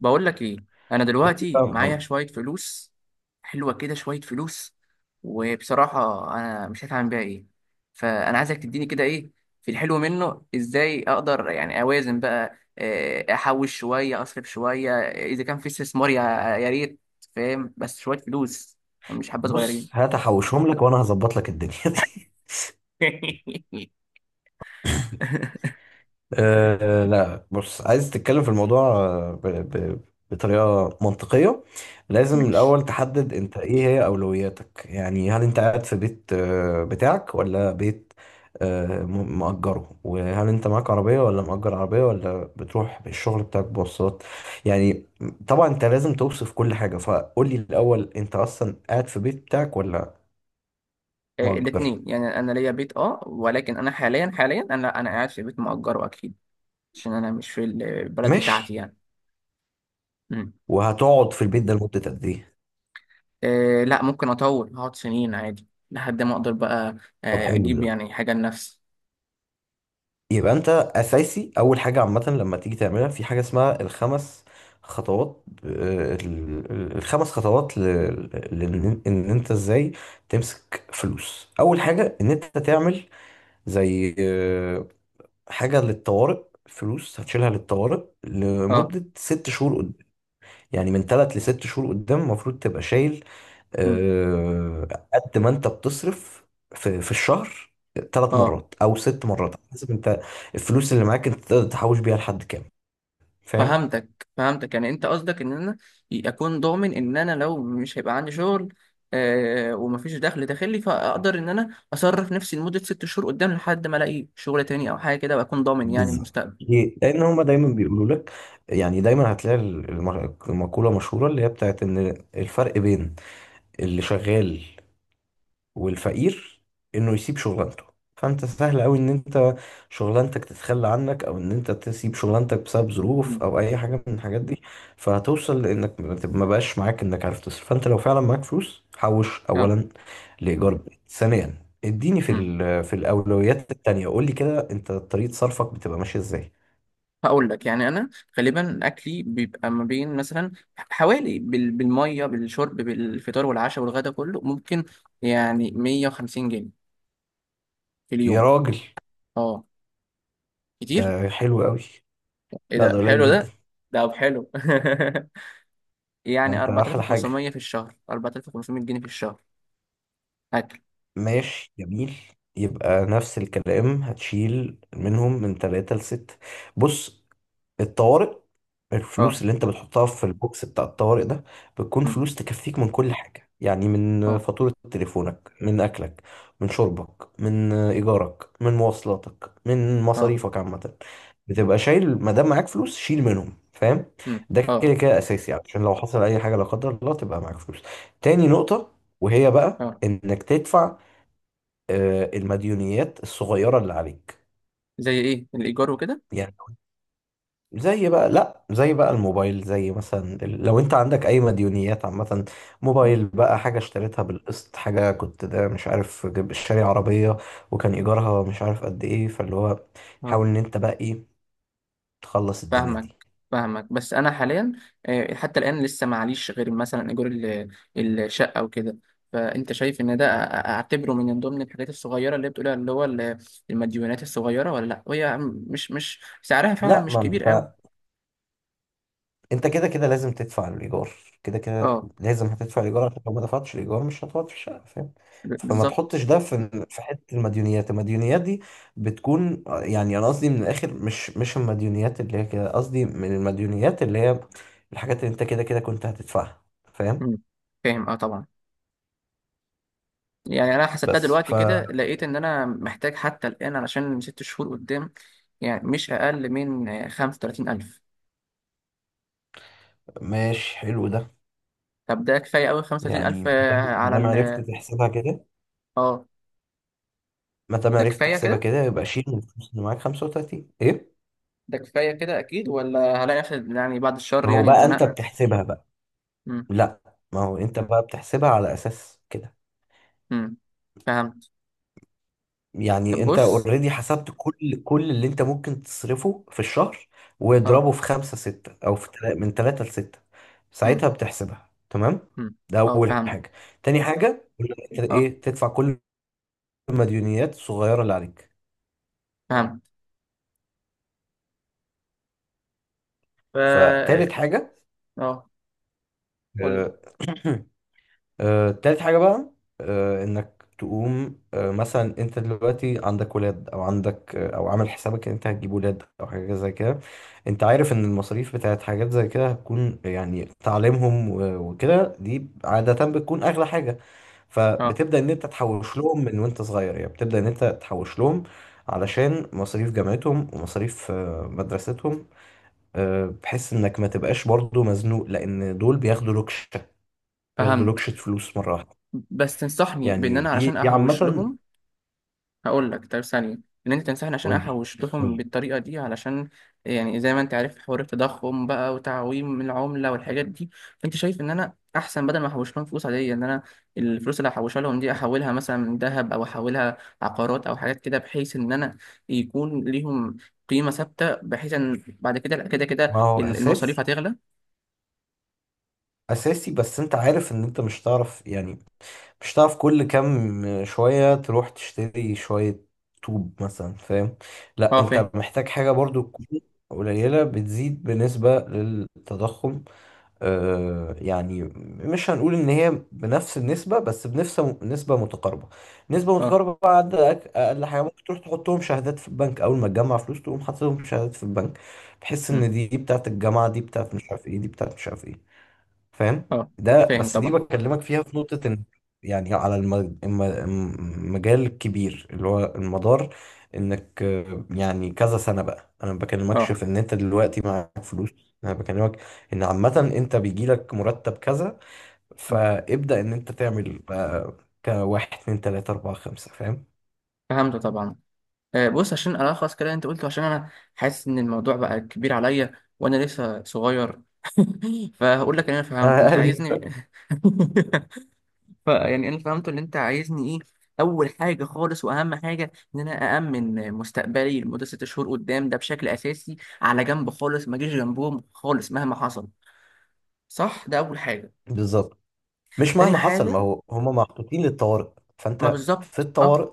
بقول لك ايه. انا دلوقتي معايا فاهم. شويه فلوس. حلوه كده شويه فلوس، وبصراحه انا مش عارف اعمل بيها ايه. فانا عايزك تديني كده ايه في الحلو منه، ازاي اقدر يعني اوازن بقى؟ احوش شويه اصرف شويه، اذا كان في استثمار يا ريت. فاهم؟ بس شويه فلوس، مش حبه صغيرين. هات احوشهم لك وانا هظبط لك الدنيا دي أه لا، بص، عايز تتكلم في الموضوع ب ب بطريقة منطقية. لازم ماشي. الأول تحدد أنت إيه هي أولوياتك، يعني هل أنت قاعد في بيت بتاعك ولا بيت مأجره؟ وهل أنت معاك عربية ولا مأجر عربية ولا بتروح بالشغل بتاعك بواسطات، يعني. طبعا أنت لازم توصف كل حاجة، فقول لي الأول، أنت أصلا قاعد في بيت بتاعك ولا مأجر؟ الاتنين. يعني انا ليا بيت، اه، ولكن انا حاليا انا قاعد في بيت مؤجره، اكيد عشان انا مش في البلد بتاعتي ماشي. يعني. مم. وهتقعد في البيت ده لمدة قد ايه؟ آه لا، ممكن اطول، هقعد سنين عادي لحد ما اقدر بقى طب حلو اجيب ده. يعني حاجه لنفسي. يبقى انت اساسي، اول حاجة عامة لما تيجي تعملها، في حاجة اسمها الخمس خطوات، الخمس خطوات ان انت ازاي تمسك فلوس. اول حاجة ان انت تعمل زي حاجة للطوارئ، فلوس هتشيلها للطوارئ اه. لمدة ست شهور قدام. يعني من تلات لست شهور قدام المفروض تبقى شايل، مم. آه، قد ما انت بتصرف في الشهر، ثلاث اه، مرات او ست مرات على حسب انت الفلوس اللي معاك انت تقدر تحوش بيها لحد كام، فاهم؟ فهمتك فهمتك. يعني انت قصدك ان انا اكون ضامن ان انا لو مش هيبقى عندي شغل ومفيش دخل داخلي، فاقدر ان انا اصرف نفسي لمده ست شهور قدام، لحد ما الاقي شغل تاني او حاجه كده، واكون ضامن يعني بالظبط، المستقبل. ليه؟ لان هما دايما بيقولوا لك، يعني دايما هتلاقي المقوله مشهوره اللي هي بتاعت ان الفرق بين اللي شغال والفقير انه يسيب شغلانته. فانت سهل قوي ان شغلانتك تتخلى عنك او ان انت تسيب شغلانتك بسبب ظروف مم. او اي حاجه من الحاجات دي، فهتوصل لانك ما بقاش معاك انك عارف تصرف. فانت لو فعلا معاك فلوس، حوش اه. اولا لايجار بيت، ثانيا اديني في مم. في الاولويات التانية، قول لي كده انت طريقه صرفك بتبقى ماشيه ازاي. هقول لك. يعني انا غالبا اكلي بيبقى ما بين مثلا حوالي بالميه بالشرب بالفطار والعشاء والغدا كله، ممكن يعني 150 جنيه في يا اليوم. راجل، اه، ده كتير. حلو قوي. ايه لا، ده ده؟ قليل حلو جدا. ده حلو. ده يعني انت احلى حاجه. 4500 في الشهر، 4500 جنيه في الشهر. اكل. ماشي، جميل. يبقى نفس الكلام، هتشيل منهم من ثلاثة لستة. بص، الطوارئ، اه. الفلوس اللي انت بتحطها في البوكس بتاع الطوارئ ده بتكون أمم، فلوس تكفيك من كل حاجة، يعني من اه. فاتورة تليفونك، من أكلك، من شربك، من إيجارك، من مواصلاتك، من اه. مصاريفك عامة. بتبقى شايل ما دام معاك فلوس، شيل منهم، فاهم. أمم، ده كده اه. كده أساسي، يعني عشان لو حصل أي حاجة لا قدر الله تبقى معاك فلوس. تاني نقطة، وهي بقى اه، إنك تدفع المديونيات الصغيرة اللي عليك. زي ايه؟ الايجار وكده؟ يعني زي بقى، لا، زي بقى الموبايل، زي مثلا لو انت عندك اي مديونيات عامة، أمم، موبايل بقى، حاجة اشتريتها بالقسط، حاجة كنت ده مش عارف شاري عربية وكان ايجارها مش عارف قد ايه، فاللي هو اه. حاول ان انت بقى ايه، تخلص الدنيا فاهمك دي. فاهمك، بس انا حاليا حتى الان لسه معليش غير مثلا ايجار الشقه وكده. فانت شايف ان ده اعتبره من ضمن الحاجات الصغيره اللي بتقولها، اللي هو المديونات الصغيره، ولا لا؟ وهي مش سعرها فعلا لا، مش ما كبير قوي. انت، انت كده كده لازم تدفع الايجار، كده كده اه، لازم هتدفع الايجار، عشان لو ما دفعتش الايجار مش هتقعد في الشقه، فاهم. فما بالظبط. تحطش ده في حته المديونيات. المديونيات دي بتكون يعني، انا قصدي من الاخر، مش المديونيات اللي هي كده، قصدي من المديونيات اللي هي الحاجات اللي انت كده كده كنت هتدفعها، فاهم. مم. فاهم، اه، طبعا. يعني انا حسبتها بس دلوقتي كده، لقيت ان انا محتاج حتى الان علشان ست شهور قدام يعني مش اقل من 35000. فماشي، حلو ده. طب ده كفايه قوي 35000؟ يعني ما آه، دام ما على دام ال عرفت تحسبها كده، اه ما دام ده عرفت كفاية تحسبها كده. كده يبقى شيل من الفلوس اللي معاك 35، ايه. ده كفاية كده، أكيد؟ ولا هلاقي نفسي يعني بعد الشر ما هو يعني بقى انت اتزنقت؟ بتحسبها. مم. لا، ما هو انت بقى بتحسبها على اساس كده. مم. فهمت. طب يعني انت بص. اوريدي حسبت كل اللي انت ممكن تصرفه في الشهر اه. واضربه في خمسة ستة، او في من تلاتة لستة. مم. ساعتها بتحسبها تمام. مم. ده اه، اول فهمت. حاجة. تاني حاجة، انت اه، ايه، تدفع كل المديونيات الصغيرة اللي عليك. فهمت. ف اه فتالت حاجة، آه، قول لي. آه، تالت حاجة بقى، إنك تقوم، مثلا أنت دلوقتي عندك ولاد أو عندك أو عامل حسابك إن أنت هتجيب ولاد أو حاجة زي كده. أنت عارف إن المصاريف بتاعت حاجات زي كده هتكون، يعني تعليمهم وكده، دي عادة بتكون أغلى حاجة. اه، فبتبدأ إن أنت تحوش لهم من وأنت صغير، يعني بتبدأ إن أنت تحوش لهم علشان مصاريف جامعتهم ومصاريف مدرستهم. بحيث إنك ما تبقاش برضو مزنوق، لأن دول بياخدوا لوكشة، بياخدوا فهمت. لوكشة فلوس مرة واحدة. بس تنصحني بإن يعني أنا دي علشان دي عامة. أحوش لهم؟ هقول لك. طب ثانية، إن أنت تنصحني عشان قولي، أحوش لهم قولي. بالطريقة دي، علشان يعني زي ما أنت عارف حوار التضخم بقى وتعويم العملة والحاجات دي. فأنت شايف إن أنا أحسن بدل ما أحوش لهم فلوس عادية، إن أنا الفلوس اللي هحوشها لهم دي أحولها مثلا من ذهب، أو أحولها عقارات أو حاجات كده، بحيث إن أنا يكون ليهم قيمة ثابتة، بحيث إن بعد كده كده ما هو المصاريف أساسي، هتغلى. أساسي، بس أنت عارف إن أنت مش هتعرف، يعني مش هتعرف كل كام شوية تروح تشتري شوية طوب مثلا، فاهم. لا، أه، أنت فاهم. محتاج حاجة برضو تكون قليلة بتزيد بنسبة للتضخم، يعني مش هنقول ان هي بنفس النسبه، بس بنفس نسبه متقاربه. نسبه أه. متقاربه بعد اقل حاجه ممكن تروح تحطهم شهادات في البنك. اول ما تجمع فلوس تقوم حاططهم شهادات في البنك، بحيث مم. ان دي دي بتاعت الجامعه، دي بتاعت مش عارف ايه، دي بتاعت مش عارف ايه، فاهم. أه، ده فاهم بس دي طبعا. بكلمك فيها في نقطة ان، يعني على المجال الكبير اللي هو المدار، انك يعني كذا سنة بقى. انا ما بكلمكش أه، في ان انت دلوقتي معاك فلوس، انا بكلمك ان عامة انت بيجيلك مرتب كذا، فابدأ ان انت تعمل بقى كواحد اتنين تلاتة اربعة خمسة، فاهم. فهمت طبعا. بص، عشان ألخص كده أنت قلته، عشان أنا حاسس إن الموضوع بقى كبير عليا، وأنا لسه صغير. فهقول لك إن أنا فهمته. أنت عايزني؟ ايوه. فيعني أنا فهمته إن أنت عايزني إيه. أول حاجة خالص وأهم حاجة إن أنا أأمن مستقبلي لمدة ست شهور قدام، ده بشكل أساسي على جنب خالص، ما أجيش جنبهم خالص مهما حصل. صح؟ ده أول حاجة. بالظبط، مش تاني مهما حصل، حاجة. ما هو هما محطوطين للطوارئ، ما فانت في بالظبط، أه، الطوارئ.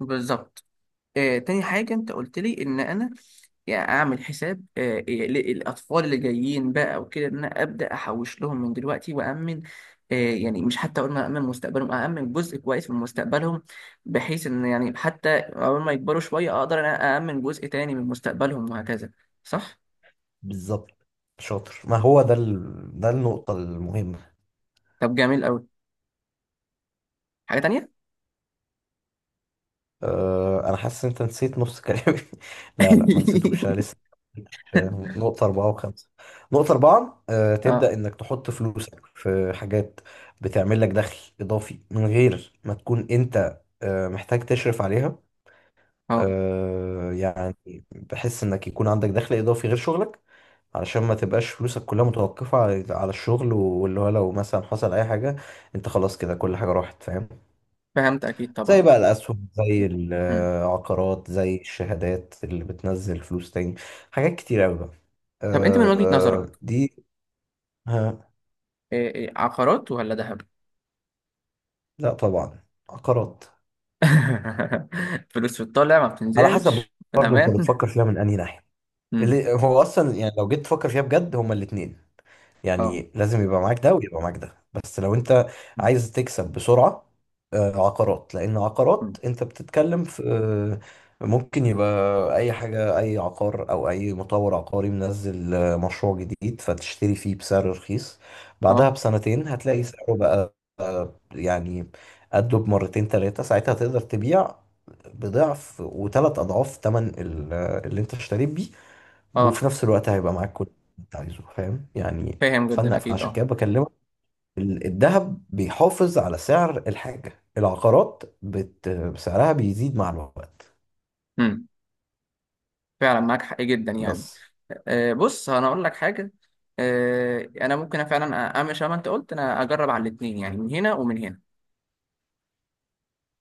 بالظبط. تاني حاجة، انت قلت لي ان انا يعني اعمل حساب الاطفال اللي جايين بقى وكده، ان انا ابدا احوش لهم من دلوقتي، وامن يعني مش، حتى قلنا امن مستقبلهم، امن جزء كويس من مستقبلهم، بحيث ان يعني حتى اول ما يكبروا شوية اقدر ان انا امن جزء تاني من مستقبلهم وهكذا. صح؟ بالظبط، شاطر. ما هو ده ده النقطة المهمة. طب جميل قوي. حاجة تانية؟ أنا حاسس إن أنت نسيت نص كلامي. لا لا، ما نسيتوش، أنا لسه ما قلتش، نقطة أربعة وخمسة. نقطة أربعة، تبدأ اه. إنك تحط فلوسك في حاجات بتعمل لك دخل إضافي من غير ما تكون أنت محتاج تشرف عليها. اه، يعني بحس إنك يكون عندك دخل إضافي غير شغلك، علشان ما تبقاش فلوسك كلها متوقفة على الشغل، واللي هو لو مثلا حصل أي حاجة أنت خلاص كده كل حاجة راحت، فاهم. فهمت اكيد زي طبعا. بقى الأسهم، زي مم. العقارات، زي الشهادات اللي بتنزل فلوس تاني، حاجات كتير أوي بقى، طب انت من وجهة نظرك دي. ها. عقارات ولا ذهب؟ لا، طبعا عقارات. فلوس في الطالع ما على حسب، بتنزلش في برضه أنت الأمان. بتفكر فيها من أنهي ناحية. مم. اللي هو أصلا، يعني لو جيت تفكر فيها بجد، هما الاتنين اه. يعني لازم يبقى معاك ده ويبقى معاك ده. بس لو انت عايز تكسب بسرعة، عقارات. لان مم. عقارات انت بتتكلم في ممكن يبقى اي حاجة، اي عقار او اي مطور عقاري منزل مشروع جديد فتشتري فيه بسعر رخيص، بعدها اه. بسنتين هتلاقي سعره بقى، يعني قده بمرتين تلاتة. ساعتها تقدر تبيع بضعف وثلاث اضعاف ثمن اللي انت اشتريت بيه، وفي اه، نفس الوقت هيبقى معاك كل اللي انت عايزه، فاهم يعني. فاهم جدا فانا أكيد، فعشان اه. كده بكلمك، الذهب بيحافظ على سعر الحاجة، العقارات سعرها بيزيد مع الوقت. مم. فعلا معاك حق جدا يعني. بس. بص، أنا أقول لك حاجة. أنا ممكن فعلا أعمل شبه ما أنت قلت. أنا أجرب على الاتنين، يعني من هنا ومن هنا.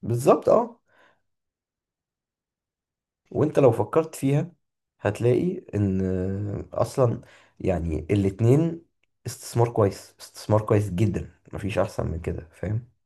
بالظبط، اه. وانت لو فكرت فيها هتلاقي ان اصلا، يعني الاتنين استثمار كويس، استثمار كويس جدا، مفيش احسن من كده، فاهم.